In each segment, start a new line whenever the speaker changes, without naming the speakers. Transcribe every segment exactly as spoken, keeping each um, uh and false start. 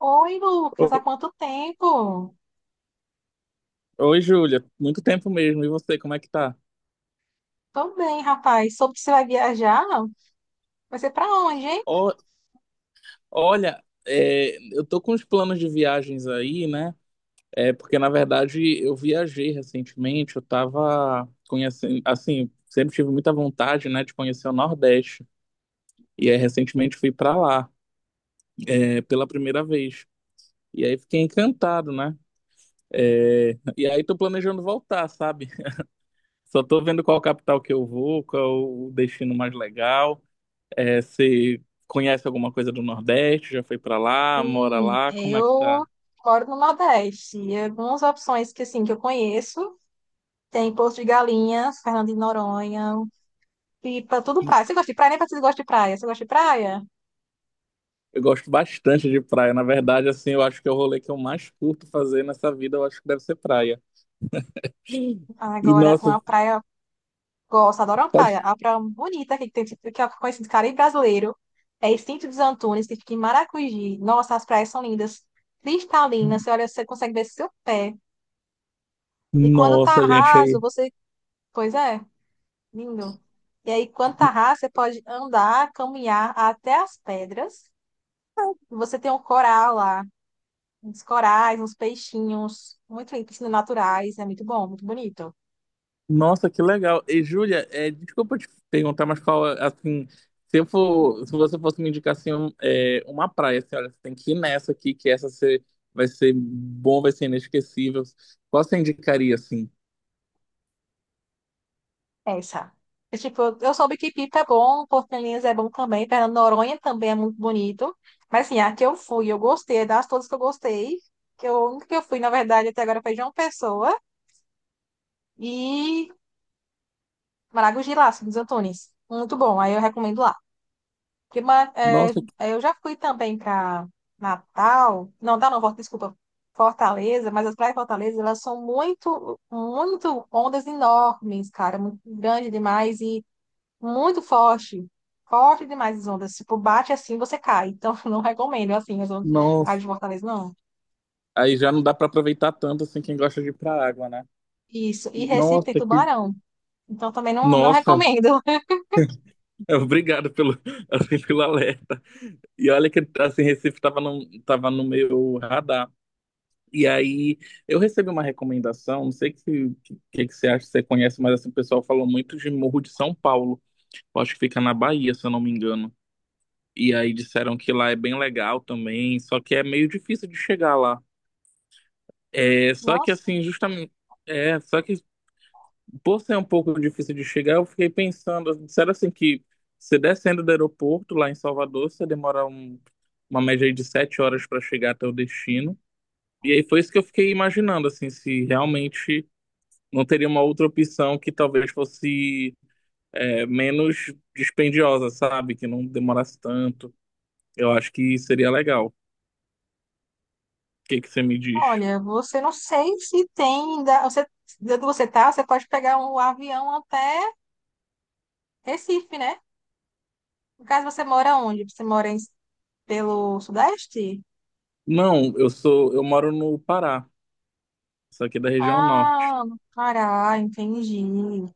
Oi, Lucas, há
Ô-
quanto tempo?
Oi, Júlia. Muito tempo mesmo. E você, como é que tá?
Tô bem, rapaz. Soube que você vai viajar? Vai ser pra onde, hein?
Ó, olha, é, eu tô com os planos de viagens aí, né? É, porque, na verdade, eu viajei recentemente. Eu tava conhecendo, assim, sempre tive muita vontade, né, de conhecer o Nordeste. E aí, recentemente, fui pra lá, é, pela primeira vez. E aí, fiquei encantado, né? E aí, tô planejando voltar, sabe? Só tô vendo qual capital que eu vou, qual o destino mais legal. É, você conhece alguma coisa do Nordeste? Já foi pra lá? Mora
Sim,
lá? Como é que
eu
tá?
moro no Nordeste. E algumas opções que, assim, que eu conheço. Tem Porto de Galinhas, Fernando de Noronha, Pipa, tudo praia. Você gosta de praia? Nem parece que você gosta de praia. Você gosta de praia?
Eu gosto bastante de praia. Na verdade, assim, eu acho que é o rolê que eu mais curto fazer nessa vida, eu acho que deve ser praia. E
Agora,
nossa,
uma praia... Gosto, adoro uma
pode...
praia. A praia bonita que tem, que eu conheci de Caribe brasileiro. É Extinto dos Antunes, que fica em Maracujá. Nossa, as praias são lindas. Cristalinas, você olha, você consegue ver seu pé. E quando tá
Nossa, gente, aí.
raso, você. Pois é, lindo. E aí, quando tá raso, você pode andar, caminhar até as pedras. E você tem um coral lá, uns corais, uns peixinhos, muito lindo, piscinas naturais. É muito bom, muito bonito.
Nossa, que legal. E Júlia, é, desculpa te perguntar, mas qual, é, assim, se eu for, se você fosse me indicar assim, um- é, uma praia, assim, olha, você tem que ir nessa aqui, que essa você, vai ser bom, vai ser inesquecível. Qual você indicaria, assim?
Essa. E, tipo, eu eu soube que Pipa é bom, Porto de Galinhas é bom também, Fernando de Noronha também é muito bonito. Mas, assim, a que eu fui, eu gostei, é das todas que eu gostei, que eu, a única que eu fui, na verdade, até agora foi João Pessoa e Maragogi lá, São dos Antunes. Muito bom, aí eu recomendo lá. Que, ma- é,
Nossa, que-
é, eu já fui também para Natal, não, Natal não, Fort- desculpa, Fortaleza, mas as praias de Fortaleza, elas são muito, muito ondas enormes, cara, muito grande demais e muito forte, forte demais as ondas, tipo, bate assim, você cai, então não recomendo, assim, as ondas as
Nossa.
de Fortaleza, não.
Aí já não dá pra aproveitar tanto assim quem gosta de ir pra água, né?
Isso, e Recife
Nossa,
tem
que.
tubarão, então também não, não
Nossa,
recomendo.
obrigado pelo, assim, pelo alerta. E olha que assim, Recife tava no, tava no meu radar. E aí eu recebi uma recomendação, não sei o que, que, que que você acha, se você conhece, mas assim, o pessoal falou muito de Morro de São Paulo. Eu acho que fica na Bahia, se eu não me engano. E aí disseram que lá é bem legal também, só que é meio difícil de chegar lá. É, só que
Nossa,
assim, justamente. É, só que Por ser um pouco difícil de chegar, eu fiquei pensando, disseram assim que se descendo do aeroporto lá em Salvador, você demora um- uma média aí de sete horas para chegar até o destino. E aí foi isso que eu fiquei imaginando, assim, se realmente não teria uma outra opção que talvez fosse é, menos dispendiosa, sabe? Que não demorasse tanto. Eu acho que seria legal. O que que você me diz?
olha, você não sei se tem, da- você, de onde você tá, você pode pegar um avião até Recife, né? No caso, você mora onde? Você mora em- pelo Sudeste?
Não, eu sou, eu moro no Pará, só que da região norte.
Ah, no Pará, entendi.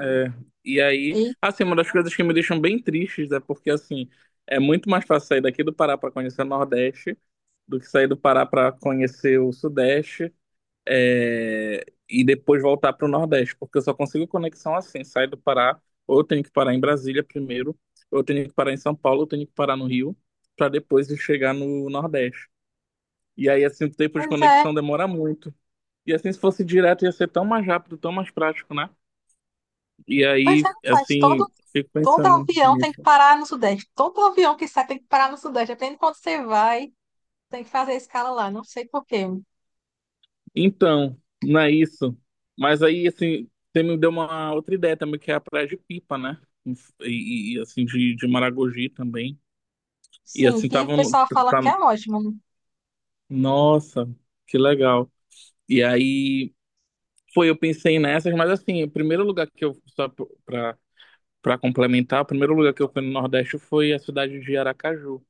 É, e aí,
E,
assim, uma das coisas que me deixam bem tristes é porque, assim, é muito mais fácil sair daqui do Pará para conhecer o Nordeste do que sair do Pará para conhecer o Sudeste, é, e depois voltar para o Nordeste, porque eu só consigo conexão assim, sair do Pará, ou eu tenho que parar em Brasília primeiro, ou eu tenho que parar em São Paulo, ou eu tenho que parar no Rio, para depois eu chegar no Nordeste. E aí, assim, o tempo de
pois é,
conexão demora muito. E assim, se fosse direto, ia ser tão mais rápido, tão mais prático, né? E
pois é,
aí,
faz
assim,
todo,
fico
todo
pensando
avião tem que
nisso.
parar no Sudeste. Todo avião que sai tem que parar no Sudeste. Depende de quando você vai, tem que fazer a escala lá, não sei por quê.
Então, não é isso. Mas aí, assim, você me deu uma outra ideia também, que é a praia de Pipa, né? E, e, assim, de, de Maragogi também. E
Sim,
assim,
que o
estavam.
pessoal fala
Tá...
que é ótimo.
Nossa, que legal. E aí, foi, eu pensei nessas, mas assim, o primeiro lugar que eu. Só pra, pra complementar, o primeiro lugar que eu fui no Nordeste foi a cidade de Aracaju.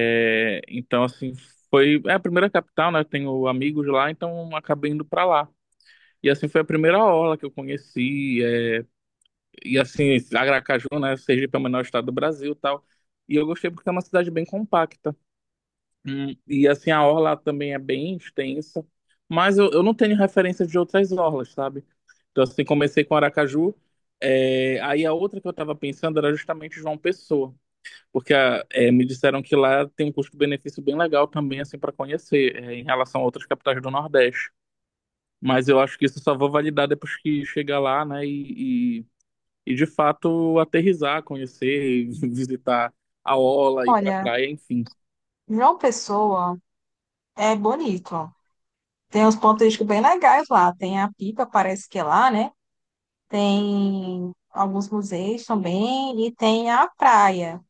É, então, assim, foi é a primeira capital, né? Eu tenho amigos lá, então acabei indo pra lá. E assim foi a primeira orla que eu conheci. É, e assim, Aracaju, né? Sergipe é o menor estado do Brasil e tal. E eu gostei porque é uma cidade bem compacta. Hum. E assim, a orla também é bem extensa. Mas eu, eu não tenho referência de outras orlas, sabe? Então, assim, comecei com Aracaju. É, aí a outra que eu tava pensando era justamente João Pessoa. Porque ah, eh, me disseram que lá tem um custo-benefício bem legal também, assim, para conhecer, eh, em relação a outras capitais do Nordeste. Mas eu acho que isso só vou validar depois que chegar lá, né? E, e, e, de fato aterrissar, conhecer, visitar a orla, ir pra
Olha,
praia, enfim.
João Pessoa é bonito. Tem uns pontos turísticos bem legais lá. Tem a Pipa, parece que é lá, né? Tem alguns museus também e tem a praia.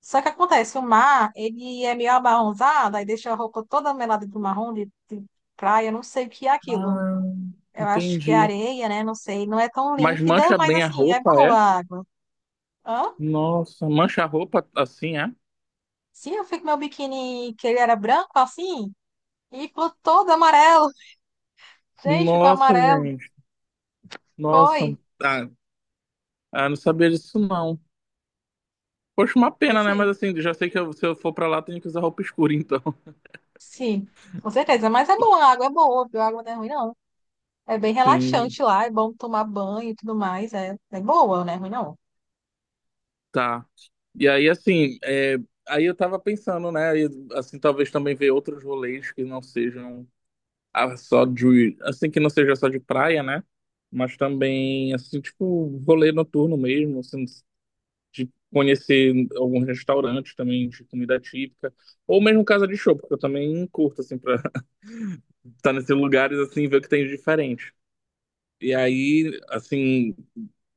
Só que acontece, o mar, ele é meio amarronzado, aí deixa a roupa toda melada do marrom de, de praia, eu não sei o que é aquilo.
Ah,
Eu acho que é
entendi.
areia, né? Não sei, não é tão
Mas
límpida,
mancha
mas
bem a
assim, é
roupa,
boa
é?
a água. Hã?
Nossa, mancha a roupa assim, é?
Sim, eu fui com meu biquíni, que ele era branco assim, e ficou todo amarelo. Gente, ficou
Nossa,
amarelo.
gente.
Foi.
Nossa, ah, ah, não sabia disso não. Poxa, uma
Foi
pena, né?
sim.
Mas assim, já sei que eu- se eu for pra lá, eu tenho que usar roupa escura, então.
Sim, com certeza. Mas é bom, a água é boa, viu? A água não é ruim, não. É bem
Sim,
relaxante lá, é bom tomar banho e tudo mais. É, é boa, não é ruim, não.
tá. E aí, assim, é, aí eu tava pensando, né? Aí, assim, talvez também ver outros rolês que não sejam a- só de. Assim, que não seja só de praia, né? Mas também, assim, tipo, rolê noturno mesmo, assim, de conhecer alguns restaurantes também de comida típica. Ou mesmo casa de show, porque eu também curto, assim, pra estar nesses lugares, assim, e ver o que tem de diferente. E aí, assim,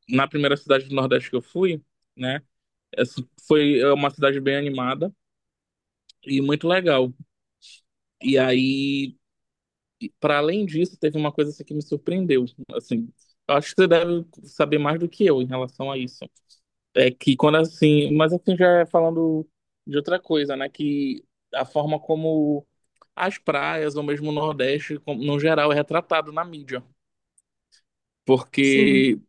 na primeira cidade do Nordeste que eu fui, né? Essa foi é uma cidade bem animada e muito legal. E aí, para além disso, teve uma coisa assim, que me surpreendeu, assim. Eu acho que você deve saber mais do que eu em relação a isso. É que quando assim, mas assim já falando de outra coisa, né, que a forma como as praias ou mesmo o Nordeste, como- no geral, é retratado na mídia.
Sim.
Porque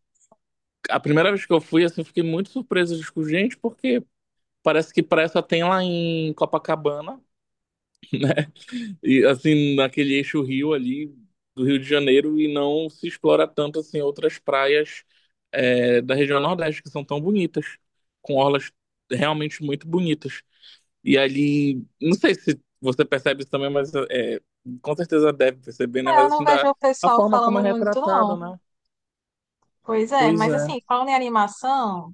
a primeira vez que eu fui, assim, eu fiquei muito surpreso. Tipo, gente, por quê? Parece que praia só tem lá em Copacabana, e assim, naquele eixo rio ali do Rio de Janeiro, e não se explora tanto assim outras praias é, da região Nordeste que são tão bonitas, com orlas realmente muito bonitas. E ali, não sei se você percebe isso também, mas é, com certeza deve perceber, né?
É, eu
Mas
não
assim,
vejo
da,
o
a
pessoal
forma como é
falando muito, não.
retratado, né?
Pois é,
Pois
mas
é.
assim, falando em animação,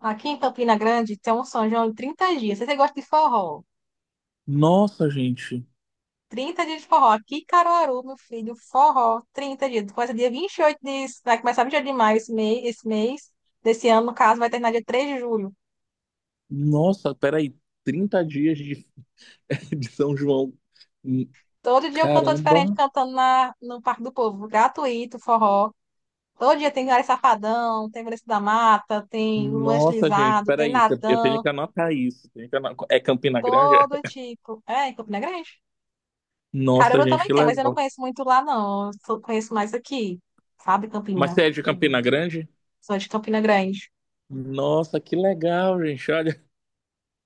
aqui em Campina Grande tem um São João de trinta dias. Se você gosta de forró,
Nossa, gente.
trinta dias de forró. Aqui em Caruaru, meu filho, forró, trinta dias. Começa dia vinte e oito de... Vai começar vinte e oito de maio esse mês, esse mês. Desse ano, no caso, vai terminar dia três de julho.
Nossa, peraí, trinta dias de, de São João. Hum.
Todo dia um cantor diferente
Caramba.
cantando na, no Parque do Povo, gratuito, forró. Todo dia tem Gary Safadão, tem Vanessa da Mata, tem Luan
Nossa, gente,
Estilizado, tem
peraí, eu eu tenho
Natan,
que anotar isso. tenho que ano- É Campina Grande?
todo tipo. É, em Campina Grande.
Nossa,
Caruaru
gente,
também
que
tem, mas eu não
legal.
conheço muito lá, não. Eu só conheço mais aqui, sabe,
Mas
Campina?
você é de Campina Grande?
Sou de Campina Grande.
Nossa, que legal, gente, olha.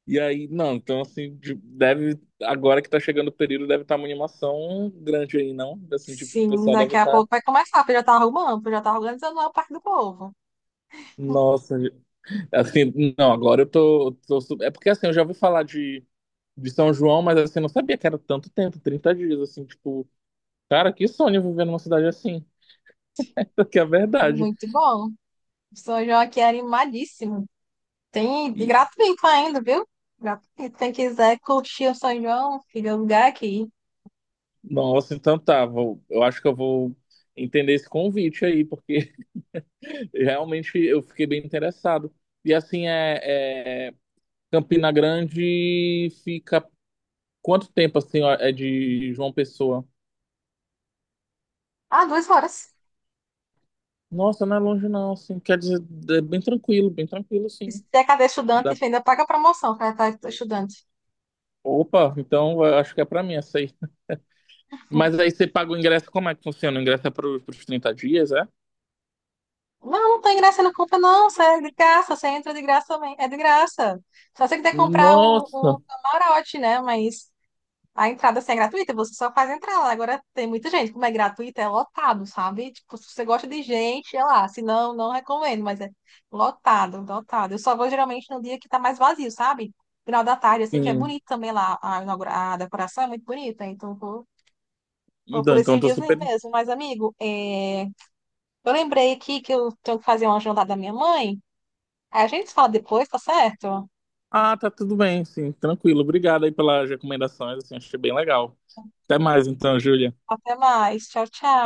E aí, não, então assim, de- deve, agora que tá chegando o período, deve estar uma animação grande aí, não? Assim, tipo, o
Sim,
pessoal deve
daqui a
estar,
pouco vai começar, porque eu já tá arrumando, porque eu já tá organizando lá o Parque do Povo.
nossa, gente. Assim, não, agora eu tô, tô, su- É porque assim, eu já ouvi falar de São João, mas assim, eu não sabia que era tanto tempo, trinta dias, assim, tipo, cara, que sonho viver numa cidade assim, que é a
É
verdade.
muito bom. O São João aqui é animadíssimo. Tem e
E,
gratuito ainda, viu? Gratuito. Quem quiser curtir o São João, fica o lugar aqui.
nossa, então tá, vou, eu acho que eu vou entender esse convite aí, porque realmente eu fiquei bem interessado. E assim, é, é- Campina Grande fica quanto tempo, assim, ó, é de João Pessoa?
Ah, duas horas.
Nossa, não é longe não, assim, quer dizer, é bem tranquilo, bem tranquilo,
E se
sim.
é cadê estudante,
Dá-
ainda paga a promoção para estar estudante.
Opa, então eu acho que é pra mim essa aí. Mas aí você paga o ingresso, como é que funciona? O ingresso é para os trinta dias, é?
Não, não tem graça, não compra, não. Você é de graça, você entra de graça também. É de graça. Só você quiser comprar o,
Nossa,
o camarote, né? Mas a entrada assim, é gratuita, você só faz entrar lá. Agora tem muita gente, como é gratuita, é lotado, sabe? Tipo, se você gosta de gente, é lá. Se não, não recomendo, mas é lotado, lotado. Eu só vou geralmente no dia que tá mais vazio, sabe? Final da tarde, assim, que é
sim.
bonito também lá. A, inaugura- a decoração é muito bonita, então vou, vou por
Então, então
esses
eu tô
dias aí
super.
mesmo. Mas, amigo, é, eu lembrei aqui que eu tenho que fazer uma jantada da minha mãe. Aí a gente fala depois, tá certo?
Ah, tá tudo bem, sim, tranquilo. Obrigado aí pelas recomendações, assim, achei bem legal. Até mais então, Júlia.
Até mais. Tchau, tchau.